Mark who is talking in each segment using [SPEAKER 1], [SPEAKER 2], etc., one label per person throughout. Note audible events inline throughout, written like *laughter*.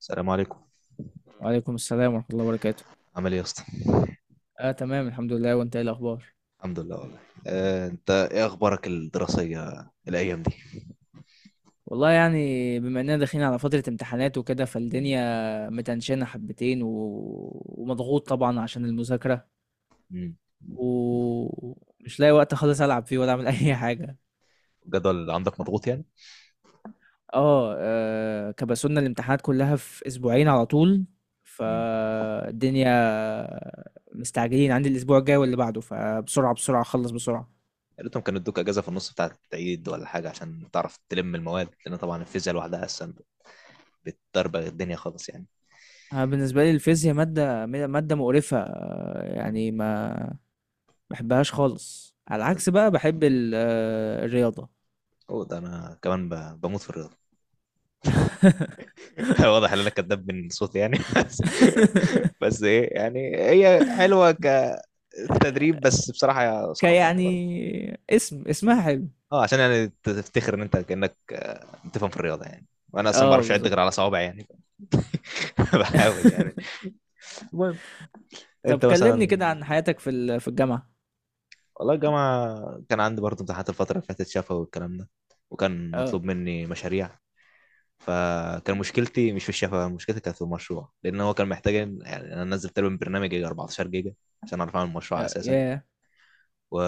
[SPEAKER 1] السلام عليكم.
[SPEAKER 2] وعليكم السلام ورحمة الله وبركاته.
[SPEAKER 1] عامل ايه يا اسطى؟
[SPEAKER 2] آه تمام الحمد لله، وأنت إيه الأخبار؟
[SPEAKER 1] الحمد لله والله. انت ايه اخبارك الدراسيه الايام دي؟
[SPEAKER 2] والله يعني بما إننا داخلين على فترة امتحانات وكده، فالدنيا متنشنة حبتين ومضغوط طبعًا عشان المذاكرة،
[SPEAKER 1] مم.
[SPEAKER 2] ومش لاقي وقت خالص ألعب فيه ولا أعمل *laughs* أي حاجة.
[SPEAKER 1] الجدول اللي عندك مضغوط يعني؟
[SPEAKER 2] كبسولنا الامتحانات كلها في أسبوعين على طول،
[SPEAKER 1] مم.
[SPEAKER 2] فالدنيا مستعجلين، عندي الأسبوع الجاي واللي بعده، فبسرعة، بسرعة أخلّص بسرعة.
[SPEAKER 1] يا ريتهم كانوا ادوك اجازه في النص بتاعه العيد ولا حاجه عشان تعرف تلم المواد، لان طبعا الفيزياء لوحدها اصلا بتدربغ الدنيا خالص يعني.
[SPEAKER 2] أنا بالنسبة لي الفيزيا مادة مقرفة،
[SPEAKER 1] مم.
[SPEAKER 2] يعني ما بحبهاش خالص، على العكس بقى بحب الرياضة.
[SPEAKER 1] اوه، ده انا كمان بموت في الرياضه. *laughs* واضح ان انا كداب من صوتي يعني، *laughs* بس
[SPEAKER 2] *laughs*
[SPEAKER 1] بس ايه يعني، هي حلوه كتدريب، بس بصراحه صعبه يعني.
[SPEAKER 2] كيعني اسمها حلو.
[SPEAKER 1] اه، عشان يعني تفتخر ان انت كانك بتفهم في الرياضه يعني، وانا اصلا ما
[SPEAKER 2] اه
[SPEAKER 1] بعرفش اعد
[SPEAKER 2] بالظبط.
[SPEAKER 1] غير على صوابعي يعني. *laughs* بحاول يعني.
[SPEAKER 2] *laughs*
[SPEAKER 1] المهم،
[SPEAKER 2] طب
[SPEAKER 1] انت
[SPEAKER 2] كلمني
[SPEAKER 1] مثلا.
[SPEAKER 2] كده عن حياتك في الجامعة.
[SPEAKER 1] والله الجامعه كان عندي برضه امتحانات الفتره اللي فاتت، شفوي والكلام ده، وكان
[SPEAKER 2] اه،
[SPEAKER 1] مطلوب مني مشاريع. فكان مشكلتي مش في الشفا، مشكلتي كانت في المشروع، لان هو كان محتاج يعني، انا نزلت له برنامج يجي 14 جيجا عشان اعرف اعمل مشروع
[SPEAKER 2] يا
[SPEAKER 1] اساسا.
[SPEAKER 2] ياه.
[SPEAKER 1] و...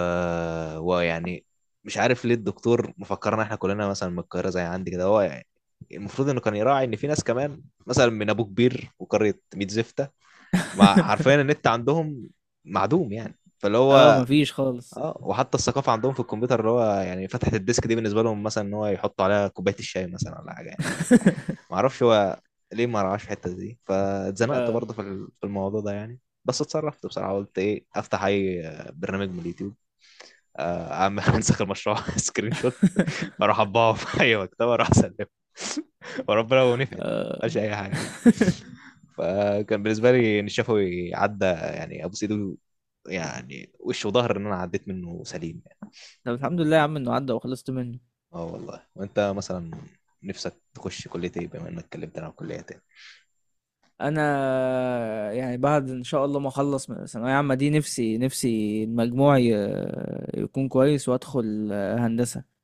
[SPEAKER 1] ويعني مش عارف ليه الدكتور مفكرنا احنا كلنا مثلا من القاهره زي عندي كده هو يعني. المفروض انه كان يراعي ان في ناس كمان مثلا من ابو كبير وقريه ميت زفته، مع حرفيا
[SPEAKER 2] *laughs*
[SPEAKER 1] النت عندهم معدوم يعني، فاللي
[SPEAKER 2] اه،
[SPEAKER 1] هو
[SPEAKER 2] مفيش خالص.
[SPEAKER 1] اه، وحتى الثقافه عندهم في الكمبيوتر، اللي هو يعني فتحه الديسك دي بالنسبه لهم مثلا ان هو يحطوا عليها كوبايه الشاي مثلا ولا حاجه يعني.
[SPEAKER 2] *laughs*
[SPEAKER 1] ما اعرفش هو ليه ما رعاش الحته دي، فاتزنقت
[SPEAKER 2] اه.
[SPEAKER 1] برضه في في الموضوع ده يعني. بس اتصرفت بصراحه، قلت ايه، افتح اي برنامج من اليوتيوب، عم *laughs* انسخ المشروع سكرين شوت، اروح
[SPEAKER 2] *laughs*
[SPEAKER 1] اطبعه في اي مكتبه، اروح اسلمه. *laughs* *applause* وربنا لو نفعت،
[SPEAKER 2] اه.
[SPEAKER 1] مش اي حاجه يعني.
[SPEAKER 2] *laughs*
[SPEAKER 1] فكان بالنسبه لي ان الشفوي عدى يعني، ابو سيدو يعني، وش وظهر ان انا عديت منه سليم يعني.
[SPEAKER 2] طب الحمد لله يا عم انه عدى وخلصت منه.
[SPEAKER 1] اه والله. وانت مثلا نفسك تخش كليه ايه، بما انك اتكلمت عن الكليه تاني؟
[SPEAKER 2] انا يعني بعد ان شاء الله ما اخلص من الثانويه عامه دي، نفسي المجموع يكون كويس وادخل هندسه.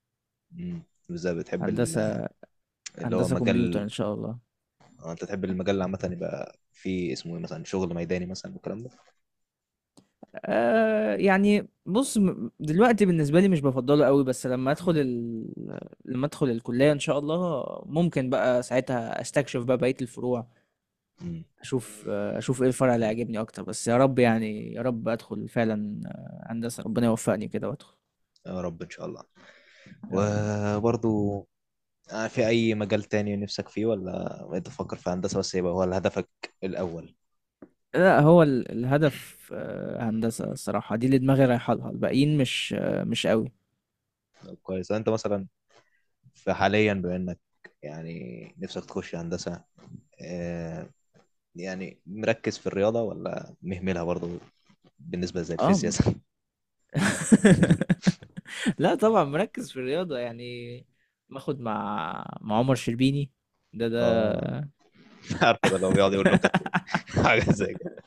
[SPEAKER 1] امم، بالذات بتحب
[SPEAKER 2] هندسه.
[SPEAKER 1] اللي هو
[SPEAKER 2] هندسه كمبيوتر
[SPEAKER 1] مجال.
[SPEAKER 2] ان شاء الله.
[SPEAKER 1] انت تحب المجال عامه يبقى فيه اسمه ايه، مثلا شغل ميداني مثلا والكلام ده؟
[SPEAKER 2] يعني بص، دلوقتي بالنسبه لي مش بفضله قوي، بس
[SPEAKER 1] امم.
[SPEAKER 2] لما ادخل الكليه ان شاء الله ممكن بقى ساعتها استكشف بقى بقيه الفروع.
[SPEAKER 1] امم.
[SPEAKER 2] اشوف ايه الفرع اللي عاجبني اكتر، بس يا رب، يعني يا رب ادخل فعلا هندسه، ربنا يوفقني كده وادخل.
[SPEAKER 1] يا رب ان شاء الله. وبرضو في أي مجال تاني نفسك فيه، ولا بقيت تفكر في هندسة بس يبقى هو هدفك الأول؟
[SPEAKER 2] لأ، هو الهدف هندسة الصراحة، دي اللي دماغي رايحة لها، الباقيين مش أوي.
[SPEAKER 1] طب كويس. أنت مثلا في حاليا بما إنك يعني نفسك تخش هندسة، آه، يعني مركز في الرياضة ولا مهملها برضو بالنسبة زي
[SPEAKER 2] آه،
[SPEAKER 1] الفيزياء
[SPEAKER 2] م
[SPEAKER 1] زي-؟
[SPEAKER 2] *laughs* لأ طبعًا مركّز في الرياضة، يعني باخد مع عمر شربيني، ده
[SPEAKER 1] *laughs*
[SPEAKER 2] ده
[SPEAKER 1] اه، *laughs* عارفه ده اللي هو بيقعد يقول
[SPEAKER 2] *laughs*
[SPEAKER 1] نكت، *laughs* حاجة زي كده؟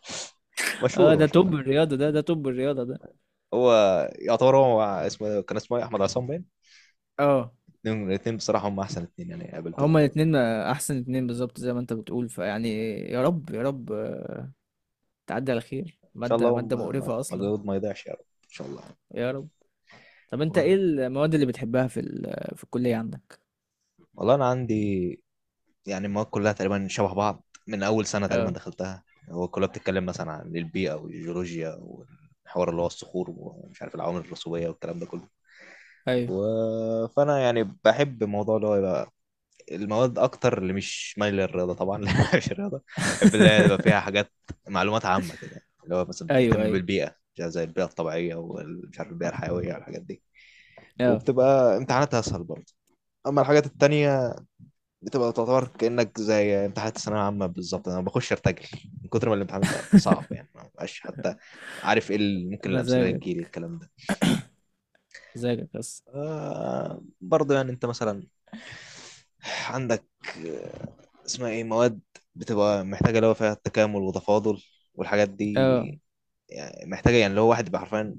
[SPEAKER 2] آه،
[SPEAKER 1] مشهور
[SPEAKER 2] ده
[SPEAKER 1] مشهور
[SPEAKER 2] توب الرياضة ده، ده توب الرياضة ده.
[SPEAKER 1] هو يعتبر هو اسمه، كان اسمه إيه؟ أحمد عصام باين.
[SPEAKER 2] آه،
[SPEAKER 1] الاتنين بصراحة هم أحسن اتنين يعني
[SPEAKER 2] هُم
[SPEAKER 1] قابلتهم.
[SPEAKER 2] الاتنين أحسن اتنين بالضبط زي ما أنت بتقول، فيعني يا رب، يا رب تعدّي على خير،
[SPEAKER 1] شاء
[SPEAKER 2] مادة
[SPEAKER 1] الله
[SPEAKER 2] مادة مقرفة أصلًا.
[SPEAKER 1] مجهود ما يضيعش يا رب. ان شاء الله.
[SPEAKER 2] يا رب. طَب أنت
[SPEAKER 1] و-
[SPEAKER 2] إيه المواد اللي بتحبها في الكلية عندك؟
[SPEAKER 1] والله انا عندي يعني المواد كلها تقريبا شبه بعض من اول سنه تقريبا
[SPEAKER 2] آه.
[SPEAKER 1] دخلتها. هو كلها بتتكلم مثلا عن البيئه والجيولوجيا والحوار اللي هو الصخور، ومش عارف العوامل الرسوبيه والكلام ده كله.
[SPEAKER 2] أيوه.
[SPEAKER 1] و... فانا يعني بحب الموضوع اللي هو يبقى المواد اكتر اللي مش مايل للرياضه طبعا، *applause* لأن مش الرياضه. بحب اللي هي يبقى فيها
[SPEAKER 2] *laughs*
[SPEAKER 1] حاجات، معلومات عامه كده، اللي هو مثلا
[SPEAKER 2] أيوه،
[SPEAKER 1] بتهتم
[SPEAKER 2] أيوه،
[SPEAKER 1] بالبيئه، زي البيئه الطبيعيه، ومش عارف البيئه الحيويه والحاجات دي.
[SPEAKER 2] آه.
[SPEAKER 1] وبتبقى امتحاناتها اسهل برضه. اما الحاجات التانية بتبقى تعتبر كانك زي امتحانات الثانويه العامه بالظبط، انا بخش ارتجل من كتر ما الامتحان بيبقى صعب
[SPEAKER 2] *laughs*
[SPEAKER 1] يعني، ما بقاش حتى عارف ايه اللي ممكن الامثله اللي
[SPEAKER 2] مزاجك،
[SPEAKER 1] تجيلي الكلام ده.
[SPEAKER 2] مزاجك بس.
[SPEAKER 1] آه برضه يعني، انت مثلا عندك آه، اسمها ايه، مواد بتبقى محتاجه اللي هو فيها التكامل وتفاضل والحاجات
[SPEAKER 2] آه،
[SPEAKER 1] دي، يعني محتاجه يعني اللي هو واحد يبقى حرفيا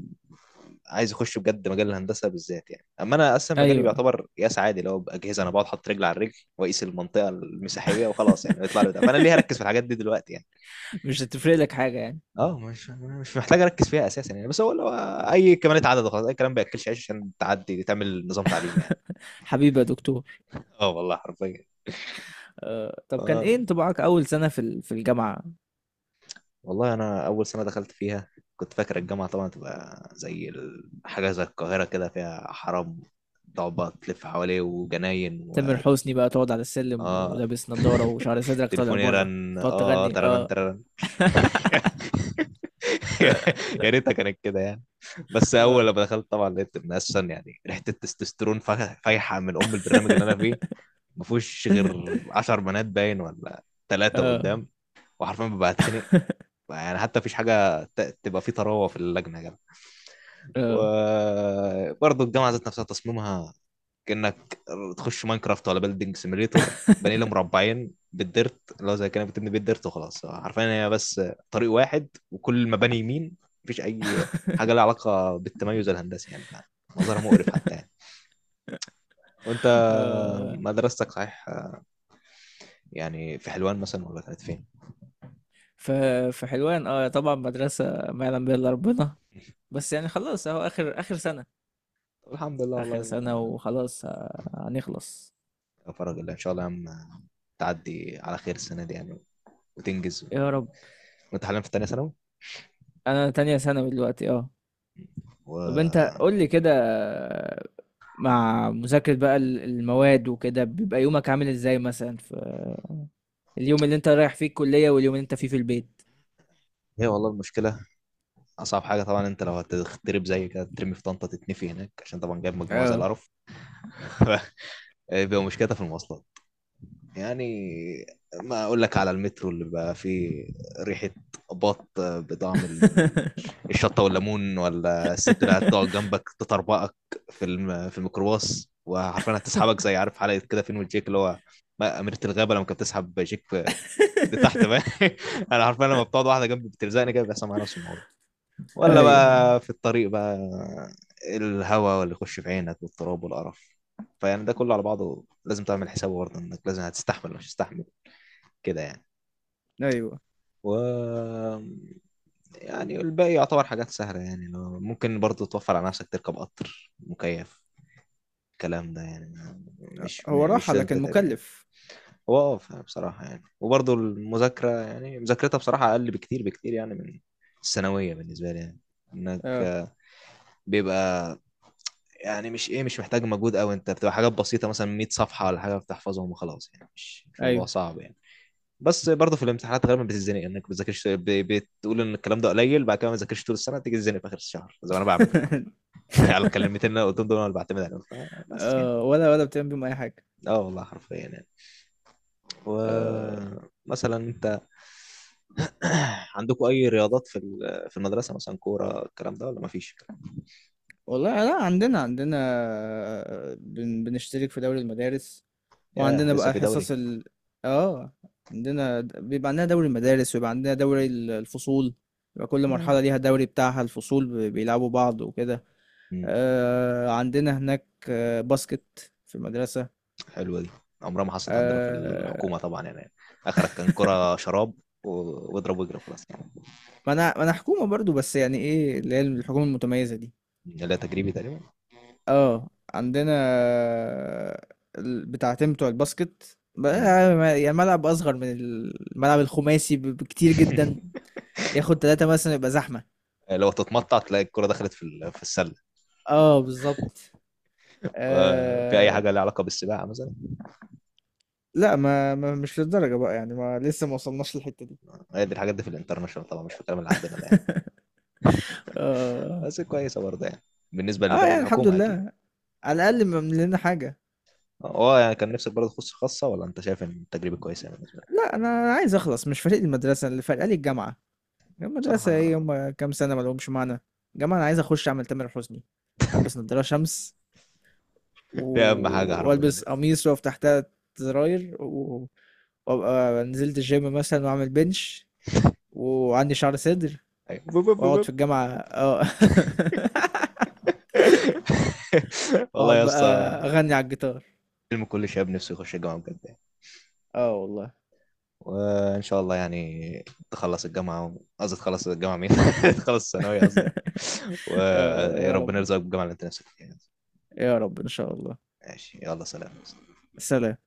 [SPEAKER 1] عايز يخش بجد مجال الهندسه بالذات يعني. اما انا اصلا مجالي
[SPEAKER 2] أيوه.
[SPEAKER 1] بيعتبر قياس عادي، اللي هو باجهزه انا بقعد احط رجل على الرجل واقيس المنطقه المساحيه وخلاص يعني، يطلع لي ده، فانا ليه هركز
[SPEAKER 2] *laughs*
[SPEAKER 1] في الحاجات دي دلوقتي يعني؟
[SPEAKER 2] مش هتفرق لك حاجة يعني.
[SPEAKER 1] اه، مش محتاج اركز فيها اساسا يعني. بس هو لو اي كمالة عدد وخلاص، اي كلام بياكلش عيش عشان تعدي تعمل نظام تعليمي يعني.
[SPEAKER 2] حبيبي يا دكتور.
[SPEAKER 1] اه والله حرفيا.
[SPEAKER 2] طب كان
[SPEAKER 1] آه،
[SPEAKER 2] إيه انطباعك أول سنة في الجامعة؟
[SPEAKER 1] والله انا اول سنه دخلت فيها كنت فاكر الجامعه طبعا تبقى زي حاجه زي القاهره كده، فيها حرام تقعد بقى تلف حواليه وجناين.
[SPEAKER 2] تامر حسني بقى تقعد على السلم
[SPEAKER 1] اه،
[SPEAKER 2] ولابس نضارة وشعر صدرك طالع
[SPEAKER 1] تليفوني
[SPEAKER 2] برّه،
[SPEAKER 1] رن اه،
[SPEAKER 2] تقعد تغني
[SPEAKER 1] ترنن
[SPEAKER 2] آه.
[SPEAKER 1] ترنن.
[SPEAKER 2] *laughs*
[SPEAKER 1] *laughs* يا ريتها كانت كده يعني. بس اول
[SPEAKER 2] آه.
[SPEAKER 1] لما دخلت طبعا لقيت ان اصلا يعني ريحه التستوستيرون فايحه من ام البرنامج اللي انا فيه، ما فيهوش غير
[SPEAKER 2] *laughs*
[SPEAKER 1] 10 بنات باين، ولا ثلاثه
[SPEAKER 2] آه،
[SPEAKER 1] قدام. وحرفيا ببقى اتخنق يعني، حتى مفيش حاجه تبقى فيه طراوه في اللجنه يا جدع.
[SPEAKER 2] آه.
[SPEAKER 1] وبرضه الجامعه ذات نفسها تصميمها كانك تخش ماينكرافت ولا بيلدينج سيميليتور، بني له مربعين بالديرت، اللي هو زي كانك بتبني بيت ديرت وخلاص، عارفين هي بس طريق واحد وكل المباني يمين، مفيش اي حاجه لها علاقه بالتميز الهندسي يعني، منظرها مقرف حتى يعني. وانت
[SPEAKER 2] *laughs* آه.
[SPEAKER 1] مدرستك صحيح يعني في حلوان مثلا ولا كانت فين؟
[SPEAKER 2] ف في حلوان، طبعًا مدرسة ما يعلم بها إلا ربنا، بس يعني خلاص أهو آخر آخر سَنة،
[SPEAKER 1] الحمد لله
[SPEAKER 2] آخر
[SPEAKER 1] والله.
[SPEAKER 2] سَنة وخلاص هنخلص.
[SPEAKER 1] يا فرج الله ان شاء الله يا عم، تعدي على خير السنه دي يعني وتنجز.
[SPEAKER 2] يا رب.
[SPEAKER 1] وانت حاليا في ثانيه ثانوي.
[SPEAKER 2] أنا تانية ثانوي دلوقتي آه. طَب أنت
[SPEAKER 1] و
[SPEAKER 2] قُل لي كده، مع مذاكرة بقى المواد وكده، بيبقى يومك عامل إزاي مثلًا في اليوم اللي أنت رايح فيه الكُلّية واليوم اللي أنت فيه في البيت؟
[SPEAKER 1] هي والله المشكله اصعب حاجه طبعا، انت لو هتتضرب زي كده ترمي في طنطا تتنفي هناك عشان طبعا جايب مجموعه زي
[SPEAKER 2] آه.
[SPEAKER 1] القرف. *laughs* *applause* بيبقى مشكلتها في المواصلات يعني، ما اقول لك على المترو اللي بقى فيه ريحه بطعم
[SPEAKER 2] *laughs*
[SPEAKER 1] الشطه والليمون، ولا الست اللي هتقعد جنبك تطربقك في الميكروباص، وعارفين هتسحبك زي عارف حلقه كده فين وجيك، اللي هو أميرة الغابة لما كانت بتسحب جيك لتحت بقى. *laughs* *applause* أنا عارفين لما بتقعد واحدة جنبي بتلزقني كده بيحصل معايا نفس الموضوع. ولا
[SPEAKER 2] أيوه،
[SPEAKER 1] بقى في الطريق بقى، الهواء واللي يخش في عينك والتراب والقرف. فيعني ده كله على بعضه لازم تعمل حسابه برضه انك لازم هتستحمل مش هتستحمل كده يعني.
[SPEAKER 2] أيوه.
[SPEAKER 1] و يعني الباقي يعتبر حاجات سهلة يعني. لو ممكن برضه توفر على نفسك تركب قطر مكيف، الكلام ده يعني، مش
[SPEAKER 2] هو راحة
[SPEAKER 1] مش لازم
[SPEAKER 2] لكن
[SPEAKER 1] تتعب يعني.
[SPEAKER 2] مُكلِّف.
[SPEAKER 1] هو اه بصراحة يعني، وبرضه المذاكرة يعني مذاكرتها بصراحة أقل بكتير بكتير يعني من الثانوية بالنسبة لي يعني، إنك
[SPEAKER 2] آه.
[SPEAKER 1] بيبقى يعني مش ايه، مش محتاج مجهود قوي، انت بتبقى حاجات بسيطه مثلا 100 صفحه ولا حاجه بتحفظهم وخلاص يعني، مش موضوع
[SPEAKER 2] أيوه.
[SPEAKER 1] صعب يعني. بس برضه في الامتحانات غالبا بتتزنق انك بتذاكرش بتقول ان الكلام ده قليل، بعد كده ما تذاكرش طول السنه، تيجي تتزنق في اخر الشهر زي ما انا بعمل طبعا.
[SPEAKER 2] *laughs*
[SPEAKER 1] *laughs* على الكلمتين اللي أنا قلتهم دول انا اللي بعتمد عليهم بس يعني.
[SPEAKER 2] آه، ولا بتعمل بيهم أي حاجة.
[SPEAKER 1] اه والله حرفيا يعني.
[SPEAKER 2] آه،
[SPEAKER 1] ومثلا انت *clears throat* عندكم اي رياضات في في المدرسه مثلا، كوره الكلام ده، ولا ما فيش؟
[SPEAKER 2] والله لأ، عندنا بنشترك في دوري المدارس،
[SPEAKER 1] ياه،
[SPEAKER 2] وعندنا
[SPEAKER 1] لسه
[SPEAKER 2] بقى
[SPEAKER 1] في
[SPEAKER 2] حصص
[SPEAKER 1] دوري.
[SPEAKER 2] ال آه عندنا د- بيبقى عندنا دوري المدارس، ويبقى عندنا دوري الفصول. يبقى كل مرحلة ليها دوري بتاعها، الفصول بيلعبوا بعض وكده.
[SPEAKER 1] نعم.
[SPEAKER 2] آه، عندنا هناك باسكت في المدرسة.
[SPEAKER 1] حلوه دي، عمرها ما حصلت عندنا في الحكومه
[SPEAKER 2] آه،
[SPEAKER 1] طبعا يعني، اخرك كان كرة شراب واضرب واجري خلاص يعني.
[SPEAKER 2] ما أنا حكومة برضو، بس يعني إيه اللي هي الحكومة المتميزة دي؟
[SPEAKER 1] لا تجريبي تقريبا.
[SPEAKER 2] اه، عندنا بتاعتين بتوع الباسكت بقى،
[SPEAKER 1] مم.
[SPEAKER 2] يعني ملعب اصغر من الملعب الخماسي بكتير جدا.
[SPEAKER 1] *laughs*
[SPEAKER 2] ياخد 3 مثلا يبقى زحمة.
[SPEAKER 1] لو تتمطع تلاقي الكرة دخلت في في السله.
[SPEAKER 2] اه بالظبط.
[SPEAKER 1] في اي
[SPEAKER 2] آه.
[SPEAKER 1] حاجه لها علاقه بالسباحه مثلا؟
[SPEAKER 2] لا، ما مش للدرجة بقى يعني، ما لسه ما وصلناش للحتة دي.
[SPEAKER 1] هي دي الحاجات دي في الانترناشونال طبعا، مش في الكلام اللي عندنا ده يعني.
[SPEAKER 2] اه.
[SPEAKER 1] بس كويسه برضه يعني، بالنسبه
[SPEAKER 2] اه
[SPEAKER 1] للباقي
[SPEAKER 2] يعني الحمد
[SPEAKER 1] الحكومه اكيد.
[SPEAKER 2] لله، على الاقل ما لنا حاجة.
[SPEAKER 1] اه يعني كان نفسك برضه تخش خاصه، ولا انت شايف ان التجربه كويسه يعني بالنسبه لك؟
[SPEAKER 2] لا، أنا عايز اخلص، مش فارق لي المدرسة، اللي فارقة لي الجامعة. المدرسة ايه،
[SPEAKER 1] بصراحه
[SPEAKER 2] هم كام سنة ما لهمش معنى. الجامعة انا عايز اخش اعمل تامر حسني، البس نضارة شمس،
[SPEAKER 1] دي اهم حاجه حرفيا
[SPEAKER 2] والبس
[SPEAKER 1] يعني.
[SPEAKER 2] قميص واقف تحتها، زراير، وابقى نزلت الجيم مثلا واعمل بنش وعندي شعر صدر
[SPEAKER 1] أيوة. بوب بوب
[SPEAKER 2] واقعد
[SPEAKER 1] بوب.
[SPEAKER 2] في الجامعة اه. *laughs*
[SPEAKER 1] *laughs* والله
[SPEAKER 2] واقعد
[SPEAKER 1] يا
[SPEAKER 2] بقى
[SPEAKER 1] اسطى،
[SPEAKER 2] اغني على الجيتار.
[SPEAKER 1] حلم كل شاب نفسه يخش الجامعة بجد يعني.
[SPEAKER 2] اه والله.
[SPEAKER 1] وإن شاء الله يعني تخلص الجامعة، قصدي تخلص الجامعة مين؟ *laughs* تخلص الثانوية قصدي.
[SPEAKER 2] *laughs* يا يا
[SPEAKER 1] وربنا
[SPEAKER 2] رب،
[SPEAKER 1] يرزقك بالجامعة اللي أنت نفسك فيها.
[SPEAKER 2] يا رب ان شاء الله.
[SPEAKER 1] ماشي، يلا سلام.
[SPEAKER 2] سلام.